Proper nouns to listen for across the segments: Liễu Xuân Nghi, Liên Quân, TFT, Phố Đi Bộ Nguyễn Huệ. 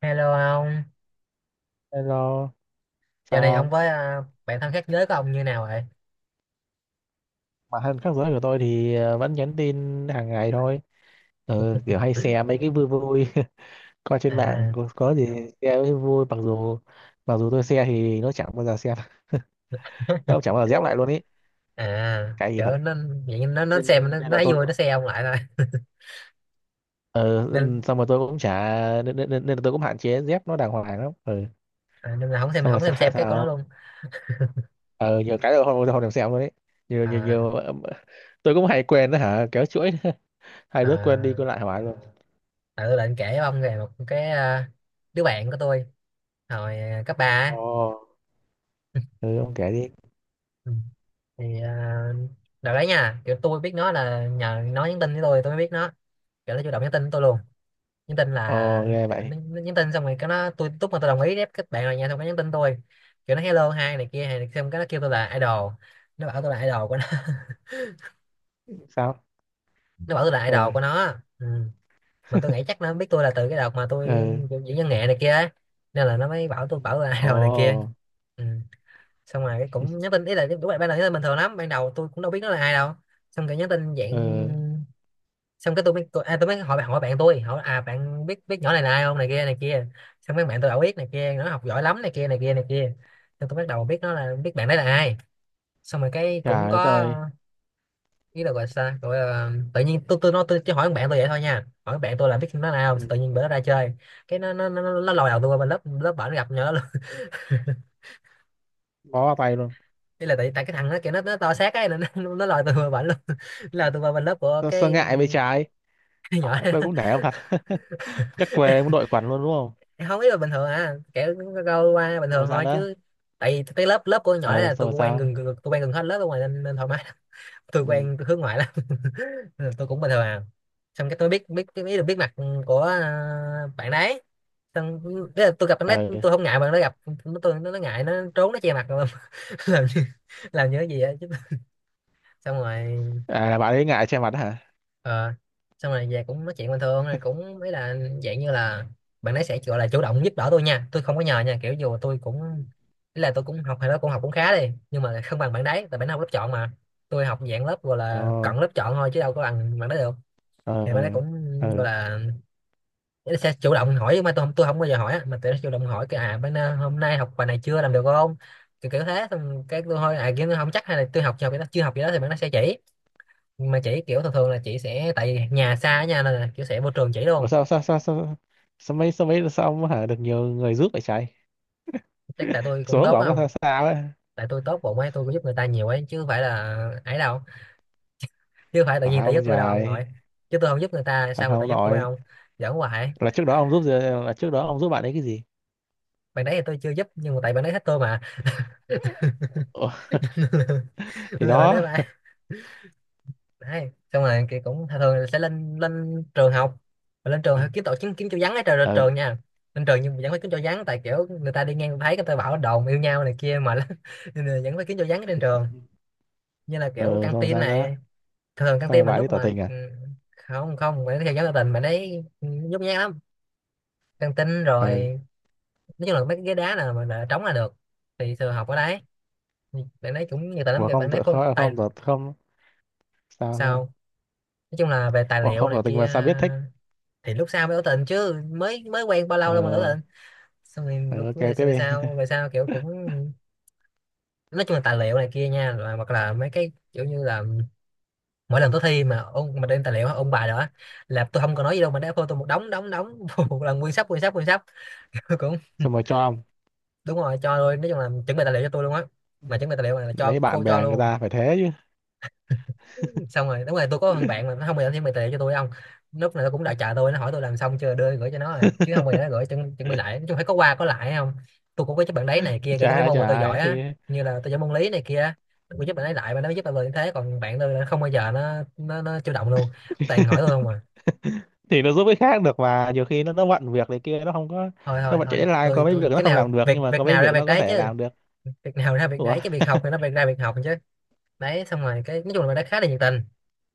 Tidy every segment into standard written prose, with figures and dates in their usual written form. Hello ông, Hello, giờ sao này ông không? với bạn thân khác giới của ông như nào vậy? Mà thân khác giới của tôi thì vẫn nhắn tin hàng ngày thôi. Ừ, kiểu hay share mấy cái vui vui coi trên mạng À, có gì share với vui mặc dù tôi share thì nó chẳng bao giờ xem. Nó chẳng bao giờ dép lại luôn ý, à, cái gì thật. kiểu nó vậy nó xem nên, nên nó là thấy tôi vui cũng nó xem ông lại thôi ừ, nên xong rồi tôi cũng chả nên, nên, nên nên là tôi cũng hạn chế dép nó đàng hoàng lắm. Ừ, à, nên là không xem xong rồi. không xem sao xem cái của nó sao luôn. ừ, nhiều cái rồi không không thèm xem luôn ấy. nhiều nhiều À, nhiều tôi cũng hay quên đó hả, kéo chuỗi. Hai đứa quên đi à, quên lại hỏi luôn. tại tôi định kể với ông về một cái đứa bạn của tôi hồi cấp ba á. Ồ, ừ ông kể đi. Ừ. Thì à, đợt đấy nha, kiểu tôi biết nó là nhờ nó nhắn tin với tôi mới biết nó, kiểu nó chủ động nhắn tin với tôi luôn. Nhắn tin Ồ là ghê kiểu, vậy. Nó nhắn tin xong rồi cái nó tôi lúc mà tôi đồng ý ép các bạn rồi nha xong cái nhắn tin tôi kiểu nó hello hai này kia hay này xong cái nó kêu tôi là idol, nó bảo tôi là idol của nó. Sao? Nó bảo tôi là Ừ. idol của nó, ừ. Mà tôi nghĩ chắc nó biết tôi là từ cái đợt mà tôi Ừ. diễn văn nghệ này kia á. Nên là nó mới bảo tôi là Ồ. idol này kia, ừ. Xong rồi cái cũng nhắn tin ý là đúng là ban đầu nhắn tin bình thường lắm, ban đầu tôi cũng đâu biết nó là ai đâu, xong rồi nhắn tin dạng, Ừ. xong cái tôi mới tôi mới hỏi hỏi bạn tôi hỏi à bạn biết biết nhỏ này là ai không này kia này kia. Xong mấy bạn tôi bảo biết này kia nó học giỏi lắm này kia này kia này kia. Xong tôi bắt đầu biết nó là biết bạn đấy là ai. Xong rồi cái cũng Trời đất có ơi. ý là gọi sao gọi là, tự nhiên tôi tôi chỉ hỏi bạn tôi vậy thôi nha, hỏi bạn tôi là biết nó là ai không, Ừ. tự nhiên bữa đó ra chơi cái nó lòi đầu tôi qua bên lớp lớp bển gặp nhỏ luôn. Bó vào tay luôn. Ý là tại tại cái thằng nó kiểu nó to xác ấy nên nó lòi tôi qua bển luôn. Nó lòi tôi qua bên lớp của Tôi sơ ngại bên trái. cái À, nhỏ đó. tôi cũng nể ông thật. Chắc quê muốn đội quần luôn đúng không? Không ý là bình thường à kiểu câu qua bình Xong rồi thường sao thôi nữa? chứ, tại vì cái lớp lớp của con nhỏ đấy Ừ là xong tôi rồi cũng sao? Tôi quen gần hết lớp ở ngoài nên, nên thoải mái lắm. Tôi Ừ. quen tôi hướng ngoại lắm. Nên là tôi cũng bình thường à, xong cái tôi biết biết biết được biết mặt của bạn đấy. Xong ý là tôi gặp bạn đấy Ừ. tôi không ngại, bạn nó gặp nó ngại nó trốn nó che mặt luôn. Làm làm như cái gì á chứ. Xong rồi, À là bạn ấy ngại che mặt hả? ờ, xong rồi về cũng nói chuyện bình thường rồi cũng mấy là dạng như là bạn ấy sẽ gọi là chủ động giúp đỡ tôi nha, tôi không có nhờ nha, kiểu dù tôi cũng ý là tôi cũng học hay đó cũng học cũng khá đi nhưng mà không bằng bạn đấy, tại bạn ấy học lớp chọn mà, tôi học dạng lớp gọi Ồ. là cận lớp chọn thôi chứ đâu có bằng bạn đấy được. Ừ. Thì bạn ấy cũng Ừ. gọi là ý là sẽ chủ động hỏi nhưng mà tôi không bao giờ hỏi á, mà tôi chủ động hỏi cái à bạn hôm nay học bài này chưa làm được không, kiểu, kiểu thế, xong cái tôi thôi à kiểu tôi không chắc hay là tôi học chưa học vậy đó chưa học vậy đó thì bạn nó sẽ chỉ. Nhưng mà chị kiểu thường thường là chị sẽ tại vì nhà xa nha nên là kiểu sẽ vô trường chỉ Ủa luôn. sao sao sao sao? Sao mấy sao mấy sao ông hả, được nhiều người giúp vậy trái? Chắc tại tôi cũng Số của tốt ông nó không, sao sao ấy. tại tôi tốt bụng ấy tôi cũng giúp người ta nhiều ấy chứ không phải là ấy đâu, chứ không phải tự Phải nhiên tại giúp không tôi đâu ông trời? nội, chứ tôi không giúp người ta Thật sao người ta không giúp tôi nội? không. Giỡn hoài. là trước đó ông giúp gì- là trước đó ông giúp bạn ấy cái gì? Bạn đấy thì tôi chưa giúp nhưng mà tại bạn đấy thích tôi mà. Ủa, thì Nên là bạn đó. đấy ba đấy xong rồi thì cũng thường thường là sẽ lên lên trường học và lên trường kiếm tổ kiếm kiếm chỗ vắng ở Ừ. trường nha. Lên trường nhưng mà vẫn phải kiếm chỗ vắng tại kiểu người ta đi ngang thấy người ta bảo đồn yêu nhau này kia mà. Nên là vẫn phải kiếm chỗ vắng trên trường, như là Ừ kiểu căng xong rồi tin sao nữa? này. Thường căng Xong rồi tin mà bạn đi lúc tỏ mà tình à? Không không phải theo dõi tỏ tình mà đấy, ừ, nhút nhát lắm. Căng tin Ừ rồi, nói chung là mấy cái ghế đá nào mà đã trống là được, thì thường học ở đấy. Thì bạn đấy cũng nhiều tài lắm, mà kiểu không bạn đấy tự phô không tài. không tỏ không? Sao sao? Sao, nói chung là về tài Ủa, liệu không này tỏ tình mà kia. sao biết thích? Thì lúc sau mới tỏ tình chứ mới mới quen bao lâu đâu mà tỏ Ờ. tình. Xong rồi Ừ, lúc ok về tiếp đi. Về sau kiểu cũng nói chung là tài liệu này kia nha, rồi hoặc là mấy cái kiểu như là mỗi lần tôi thi mà ông mà đem tài liệu ông bài đó là tôi không có nói gì đâu mà đá phô tôi một đống đống đống. Một lần nguyên sắp nguyên sắp. Cũng Xong rồi cho ông, đúng rồi cho, rồi nói chung là chuẩn bị tài liệu cho tôi luôn á, mà chuẩn bị tài liệu là cho lấy bạn phô cho bè người luôn. ta phải thế chứ. Xong rồi đúng rồi tôi có thằng bạn mà nó không bao giờ chuẩn bị tài liệu cho tôi không. Lúc này nó cũng đã chờ tôi, nó hỏi tôi làm xong chưa đưa gửi cho nó à chứ không bao giờ nó gửi chuẩn bị lại, nói chung phải có qua có lại không. Tôi cũng có giúp bạn đấy này kia kể như chả mấy ai môn mà chả tôi giỏi ai á, thì. như là tôi giỏi môn lý này kia á, tôi cũng giúp bạn ấy lại mà nó mới giúp bạn như thế, còn bạn tôi là không bao giờ nó chủ động luôn, toàn hỏi tôi không à. Thì nó giúp cái khác được mà, nhiều khi nó bận việc này kia nó không có. Thôi Nó thôi bận chạy thôi deadline, có tôi mấy tôi việc nó cái không nào làm được việc nhưng mà việc có mấy nào ra việc việc nó có đấy thể chứ, làm được. việc nào ra việc Ủa. đấy chứ, việc học thì nó việc ra việc học chứ. Đấy xong rồi cái nói chung là bạn đấy khá là nhiệt tình.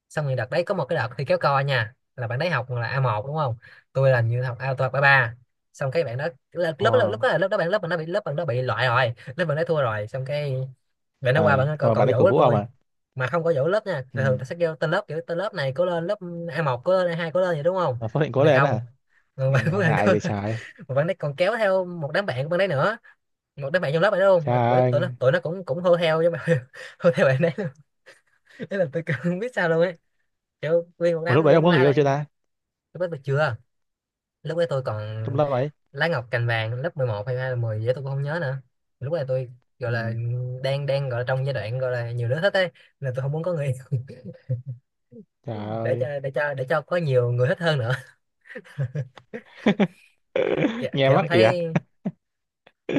Xong rồi đợt đấy có một cái đợt thi kéo co nha là bạn đấy học là A1 đúng không, tôi là như học A tôi học A3. Xong cái bạn đó lớp lớp lúc Ờ. đó là lớp đó bạn lớp mình nó bị lớp bạn đó bị loại rồi, lớp bạn đó thua rồi. Xong cái rồi nó qua Ờ bạn rồi cậu bạn ấy dỗ cổ lớp vũ ông tôi, à? mà không có dỗ lớp nha, thường thường ta Ừ sẽ kêu tên lớp kiểu tên lớp này cố lên lớp A1 cố lên A2 cố lên vậy đúng không, mà số định còn cố này lên đó hả? không. Còn bạn Ngại của bạn ngại cố bị lên trái. mà bạn đấy còn kéo theo một đám bạn của bạn đấy nữa, một đám bạn trong lớp bạn đấy luôn, mà của- Trai. tụi nó cũng cũng hô theo với mà. Hô theo bạn đấy luôn. Thế là tôi cũng không biết sao luôn ấy, kiểu nguyên một Ủa đám lúc đấy người ông có người la yêu chưa làng. ta? Lúc đó tôi chưa, lúc đấy tôi còn Trong lớp ấy. lá ngọc cành vàng, lớp 11 hay hai là 10 gì đó tôi cũng không nhớ nữa. Lúc này tôi gọi Ừ. là đang đang gọi là trong giai đoạn gọi là nhiều đứa thích ấy, nên là tôi không muốn có người Trời để ơi. cho có nhiều người thích hơn nữa. Kiểu, Nghe mắc ỉa.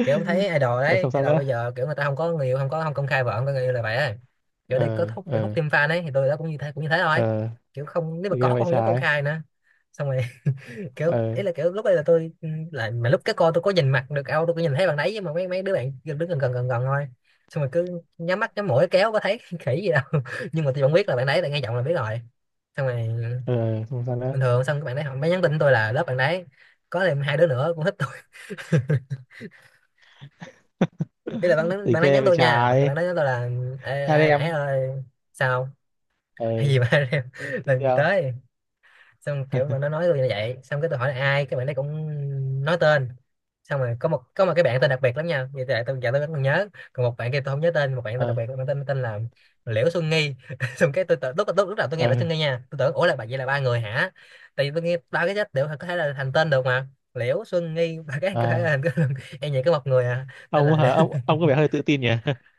kiểu ông thấy idol Ờ, đấy, xong sao idol nữa? bây giờ kiểu người ta không có người yêu, không có không công khai vợ, không có người yêu là vậy ấy. Kiểu đây có Ờ, thúc để hút ờ, thêm fan ấy, thì tôi đó cũng như thế, cũng như thế thôi. ờ. Kiểu không, nếu mà Thì có ghê vậy cũng không dám công trái. khai nữa. Xong rồi. Kiểu Ờ, ý là kiểu lúc đây là tôi lại mà lúc cái cô tôi có nhìn mặt được đâu, tôi có nhìn thấy bạn đấy nhưng mà mấy mấy đứa bạn đứng gần gần gần gần thôi. Xong rồi cứ nhắm mắt nhắm mũi kéo có thấy khỉ gì đâu nhưng mà tôi vẫn biết là bạn đấy, là nghe giọng là biết rồi. Xong rồi ờ, xong sao nữa? bình thường, xong các bạn đấy họ mới nhắn tin tôi là lớp bạn đấy có thêm hai đứa nữa cũng thích tôi. Ý là bạn đấy, Thì bạn đấy ghê nhắn vậy tôi nha, bạn trái. bạn đấy nhắn tôi là ê, Hai đứa ê, ấy em. ơi sao Ờ, hay gì mà tiếp làm gì theo. tới. Xong kiểu mà nó nói tôi như vậy, xong cái tôi hỏi là ai, cái bạn đấy cũng nói tên. Xong rồi có một cái bạn tên đặc biệt lắm nha, vậy tại tôi giờ tôi vẫn còn nhớ. Còn một bạn kia tôi không nhớ tên, một bạn tên Ờ, đặc biệt, bạn tên tên là Liễu Xuân Nghi. Xong cái tôi lúc lúc lúc đầu tôi nghe ờ, Liễu Xuân Nghi nha, tôi tưởng ủa là bạn, vậy là ba người hả? Tại vì tôi nghe ba cái chết đều có thể là thành tên được mà. Liễu Xuân Nghi, ba cái có thể là à. thành em, vậy có một người à. Tên Ông là Liễu. hả? Ông có vẻ hơi tự tin nhỉ?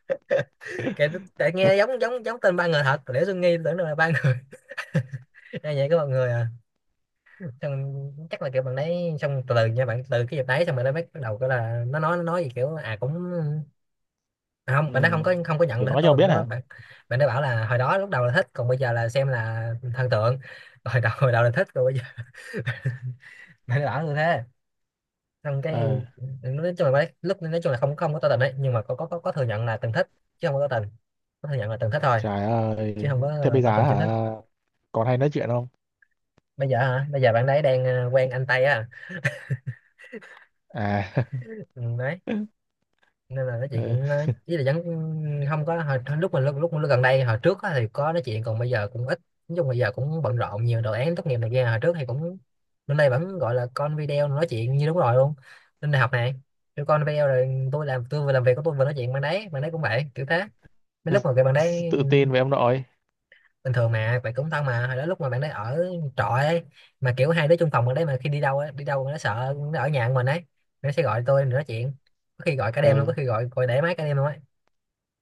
Kể. Tại nghe giống giống giống tên ba người thật, Liễu Xuân Nghi, tưởng đâu là ba người. Em vậy có một người à. Xong chắc là kiểu bạn đấy, xong từ từ nha, bạn từ cái dịp đấy xong bạn đấy bắt đầu cái là nó nói gì kiểu à cũng, à không, Ừ. bạn nó không có nhận Kiểu được hết nói cho ông tôi, bạn biết nó hả? bạn, bạn nó bảo là hồi đó lúc đầu là thích, còn bây giờ là xem là thần tượng. Hồi đầu là thích, rồi bây giờ bạn nó bảo như thế. Xong cái Ờ, nói chung là bạn ấy, lúc nói chung là không không có tỏ tình đấy, nhưng mà có thừa nhận là từng thích, chứ không có tỏ tình. Có thừa nhận là từng thích thôi, trời chứ ơi. không có Thế là bây giờ tỏ tình chính thức. hả? Còn hay nói chuyện không? Bây giờ hả, bây giờ bạn đấy đang quen anh Tây á. À, Ừ, đấy. Nên là nói chuyện ờ, cũng ý là vẫn không có, hồi lúc mà lúc gần đây, hồi trước á thì có nói chuyện còn bây giờ cũng ít. Nói chung bây giờ cũng bận rộn nhiều, đồ án tốt nghiệp này kia. Hồi trước thì cũng bên đây vẫn gọi là con video nói chuyện như đúng rồi luôn. Lên đại học này tụi con video rồi, tôi làm, tôi vừa làm việc của tôi vừa nói chuyện, bạn đấy cũng vậy kiểu thế. Mấy lúc mà cái bạn đấy tự tin với ông nội. bình thường mà bạn cũng thân, mà hồi đó lúc mà bạn đấy ở trọ ấy, mà kiểu hai đứa chung phòng bạn đấy, mà khi đi đâu ấy, đi đâu nó sợ nó ở nhà của mình ấy, nó sẽ gọi tôi để nói chuyện. Có khi gọi cả đêm Ờ. luôn, có khi gọi gọi để máy cả đêm luôn á,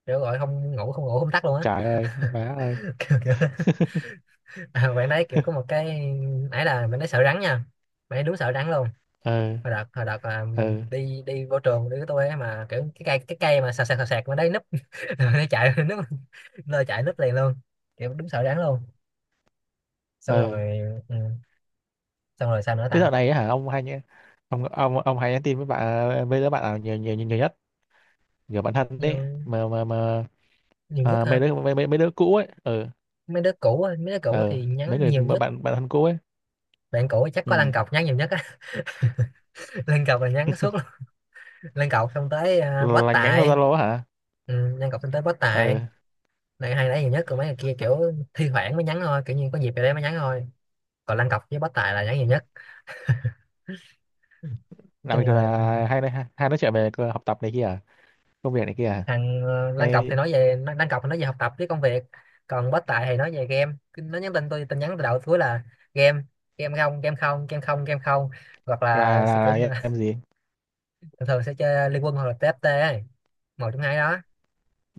kiểu gọi không ngủ không ngủ không tắt luôn á. Trời ơi má ơi. Kiểu à, bạn đấy kiểu có một cái ấy là bạn ấy sợ rắn nha. Bạn ấy đúng sợ rắn luôn. Ừ. Hồi đợt Ừ. đi đi vô trường đi với tôi ấy mà, kiểu cái cây mà sạc sạc sạc sạc mà đấy núp. Rồi nó chạy núp, lơ chạy núp liền luôn, kiểu đúng sợ rắn luôn. Xong Ừ rồi. Ừ, xong rồi sao nữa tới ta? dạo này á hả ông hay nhé. Ông hay nhắn tin với bạn, với đứa bạn nào nhiều nhất, kiểu bạn thân đấy nhiều mà? nhiều nhất À, mấy hả? đứa mấy, mấy, mấy đứa cũ ấy. Ừ. Mấy đứa cũ á, mấy đứa cũ Ừ thì nhắn mấy người nhiều nhất. bạn bạn thân cũ ấy. Bạn cũ chắc có lăn Ừ cọc nhắn nhiều nhất á. Lăn cọc là nhắn suốt luôn. Lăn cọc xong tới bó là nhắn vào tài. Zalo á hả? Ừ, lăn cọc xong tới bó tài. Ừ Này hay nhảy nhiều nhất, còn mấy người kia kiểu thi thoảng mới nhắn thôi, kiểu như có dịp về đấy mới nhắn thôi. Còn Lan Cọc với Bó Tài là nhắn nhiều nhất. Nói là chung bình thường là là hay nói chuyện về học tập này kia à? Công việc này kia à? thằng Lan Cọc thì Hay nói về Lan Cọc thì nói về học tập với công việc. Còn Bó Tài thì nói về game. Cứ nó nhắn tin tôi, tin nhắn từ đầu tới cuối là game, game không game không game không game không, hoặc là là sẽ là kiểu như là là em gì? thường thường sẽ chơi Liên Quân hoặc là TFT ấy. Một trong hai đó.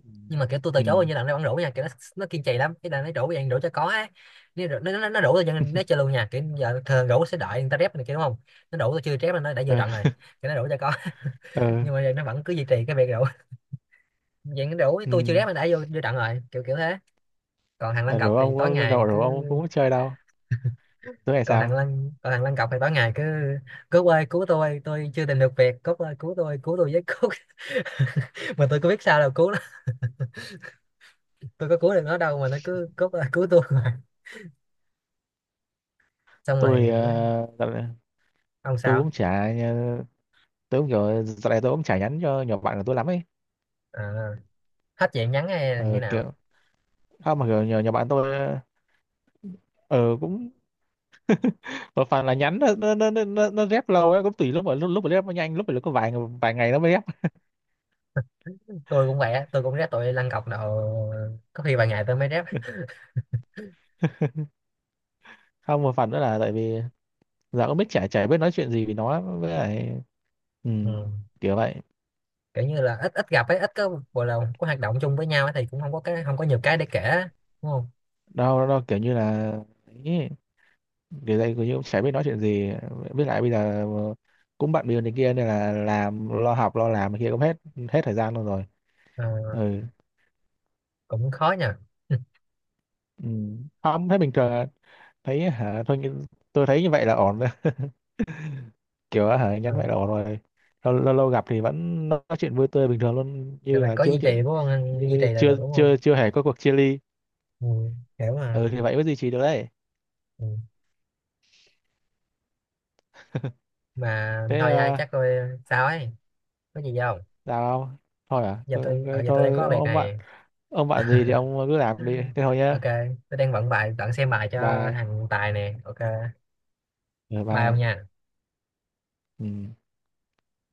Ừ. Nhưng mà kiểu tôi từ Ừ. chối bao nhiêu lần nó vẫn rủ nha, kiểu nó kiên trì lắm, cái là nó rủ vậy, rủ cho có á. Nó rủ tôi cho nên nó chơi luôn nha, kiểu giờ thường rủ sẽ đợi người ta rep này kia đúng không, nó rủ tôi chưa rep là nó đã vô Ừ. trận rồi. Kiểu nó rủ cho có. Nhưng mà giờ nó vẫn cứ duy trì cái việc rủ vậy, nó rủ Ừ. tôi chưa rep nó đã vô vô trận rồi, kiểu kiểu thế. Còn thằng Lăng Ừ. Cọc Rồi thì ông tối có ngày rồi cứ, rồi ông cũng có chơi đâu. Tối ngày còn thằng sao? Lăng còn thằng Lăng Cọc thì tối ngày cứ cứu ơi cứu tôi chưa tìm được việc, cốt ơi cứu tôi, cứu tôi với cốt. Mà tôi có biết sao đâu cứu nó, tôi có cứu được nó đâu, mà nó cứ cốt ơi cứu tôi xong rồi Tôi nó- dạo này ông tôi sao? cũng chả tôi cũng kiểu, dạo này tôi cũng chả nhắn cho nhỏ bạn của tôi lắm ấy. À, hết chuyện nhắn hay là như Ờ, nào? kiểu không, mà kiểu nhỏ bạn tôi ờ, cũng một phần là nhắn nó rep lâu ấy, cũng tùy lúc, mà lúc lúc mà rep nó nhanh, lúc mà có vài vài ngày nó mới rep. Tôi cũng vậy á, tôi cũng rep tụi lăn cọc độ có khi vài ngày tôi mới rep. Không một phần nữa là tại vì giờ cũng biết, chả chả biết nói chuyện gì với nó, với lại ừ, Ừ. kiểu vậy. Kiểu như là ít ít gặp ấy, ít có gọi là có hoạt động chung với nhau ấy, thì cũng không có cái, không có nhiều cái để kể á, đúng không? Đâu đâu kiểu như là ấy, kiểu đây kiểu như cũng chả biết nói chuyện gì, với lại bây giờ cũng bận bịu này kia nên là làm lo học lo làm này kia cũng hết, hết thời gian luôn rồi. Ờ, Ừ. cũng khó nha. Ừ. Ừ. Không thấy bình thường à. Thấy hả thôi nghĩ- Tôi thấy như vậy là ổn rồi. Kiểu hả, nhắn vậy là ổn rồi. Lâu lâu gặp thì vẫn nói chuyện vui tươi bình thường luôn Được như rồi, là có chưa có duy trì chuyện, đúng không? Duy như trì là được chưa đúng chưa không? chưa hề có cuộc chia ly. Ừ. Hiểu mà. Ừ thì vậy mới duy trì được đấy. Ừ. Mà Thế thôi nha à, chắc tôi sao ấy có gì không, làm thôi à giờ tôi ở thôi, giờ tôi đang thôi có việc ông bạn. này. Ông bạn gì thì ông cứ làm đi, thế thôi Ok. nhá. Tôi đang vận bài, bạn xem bài cho Bye. thằng Tài nè, ok. Ừ, Bye ông bye. nha. Ừ.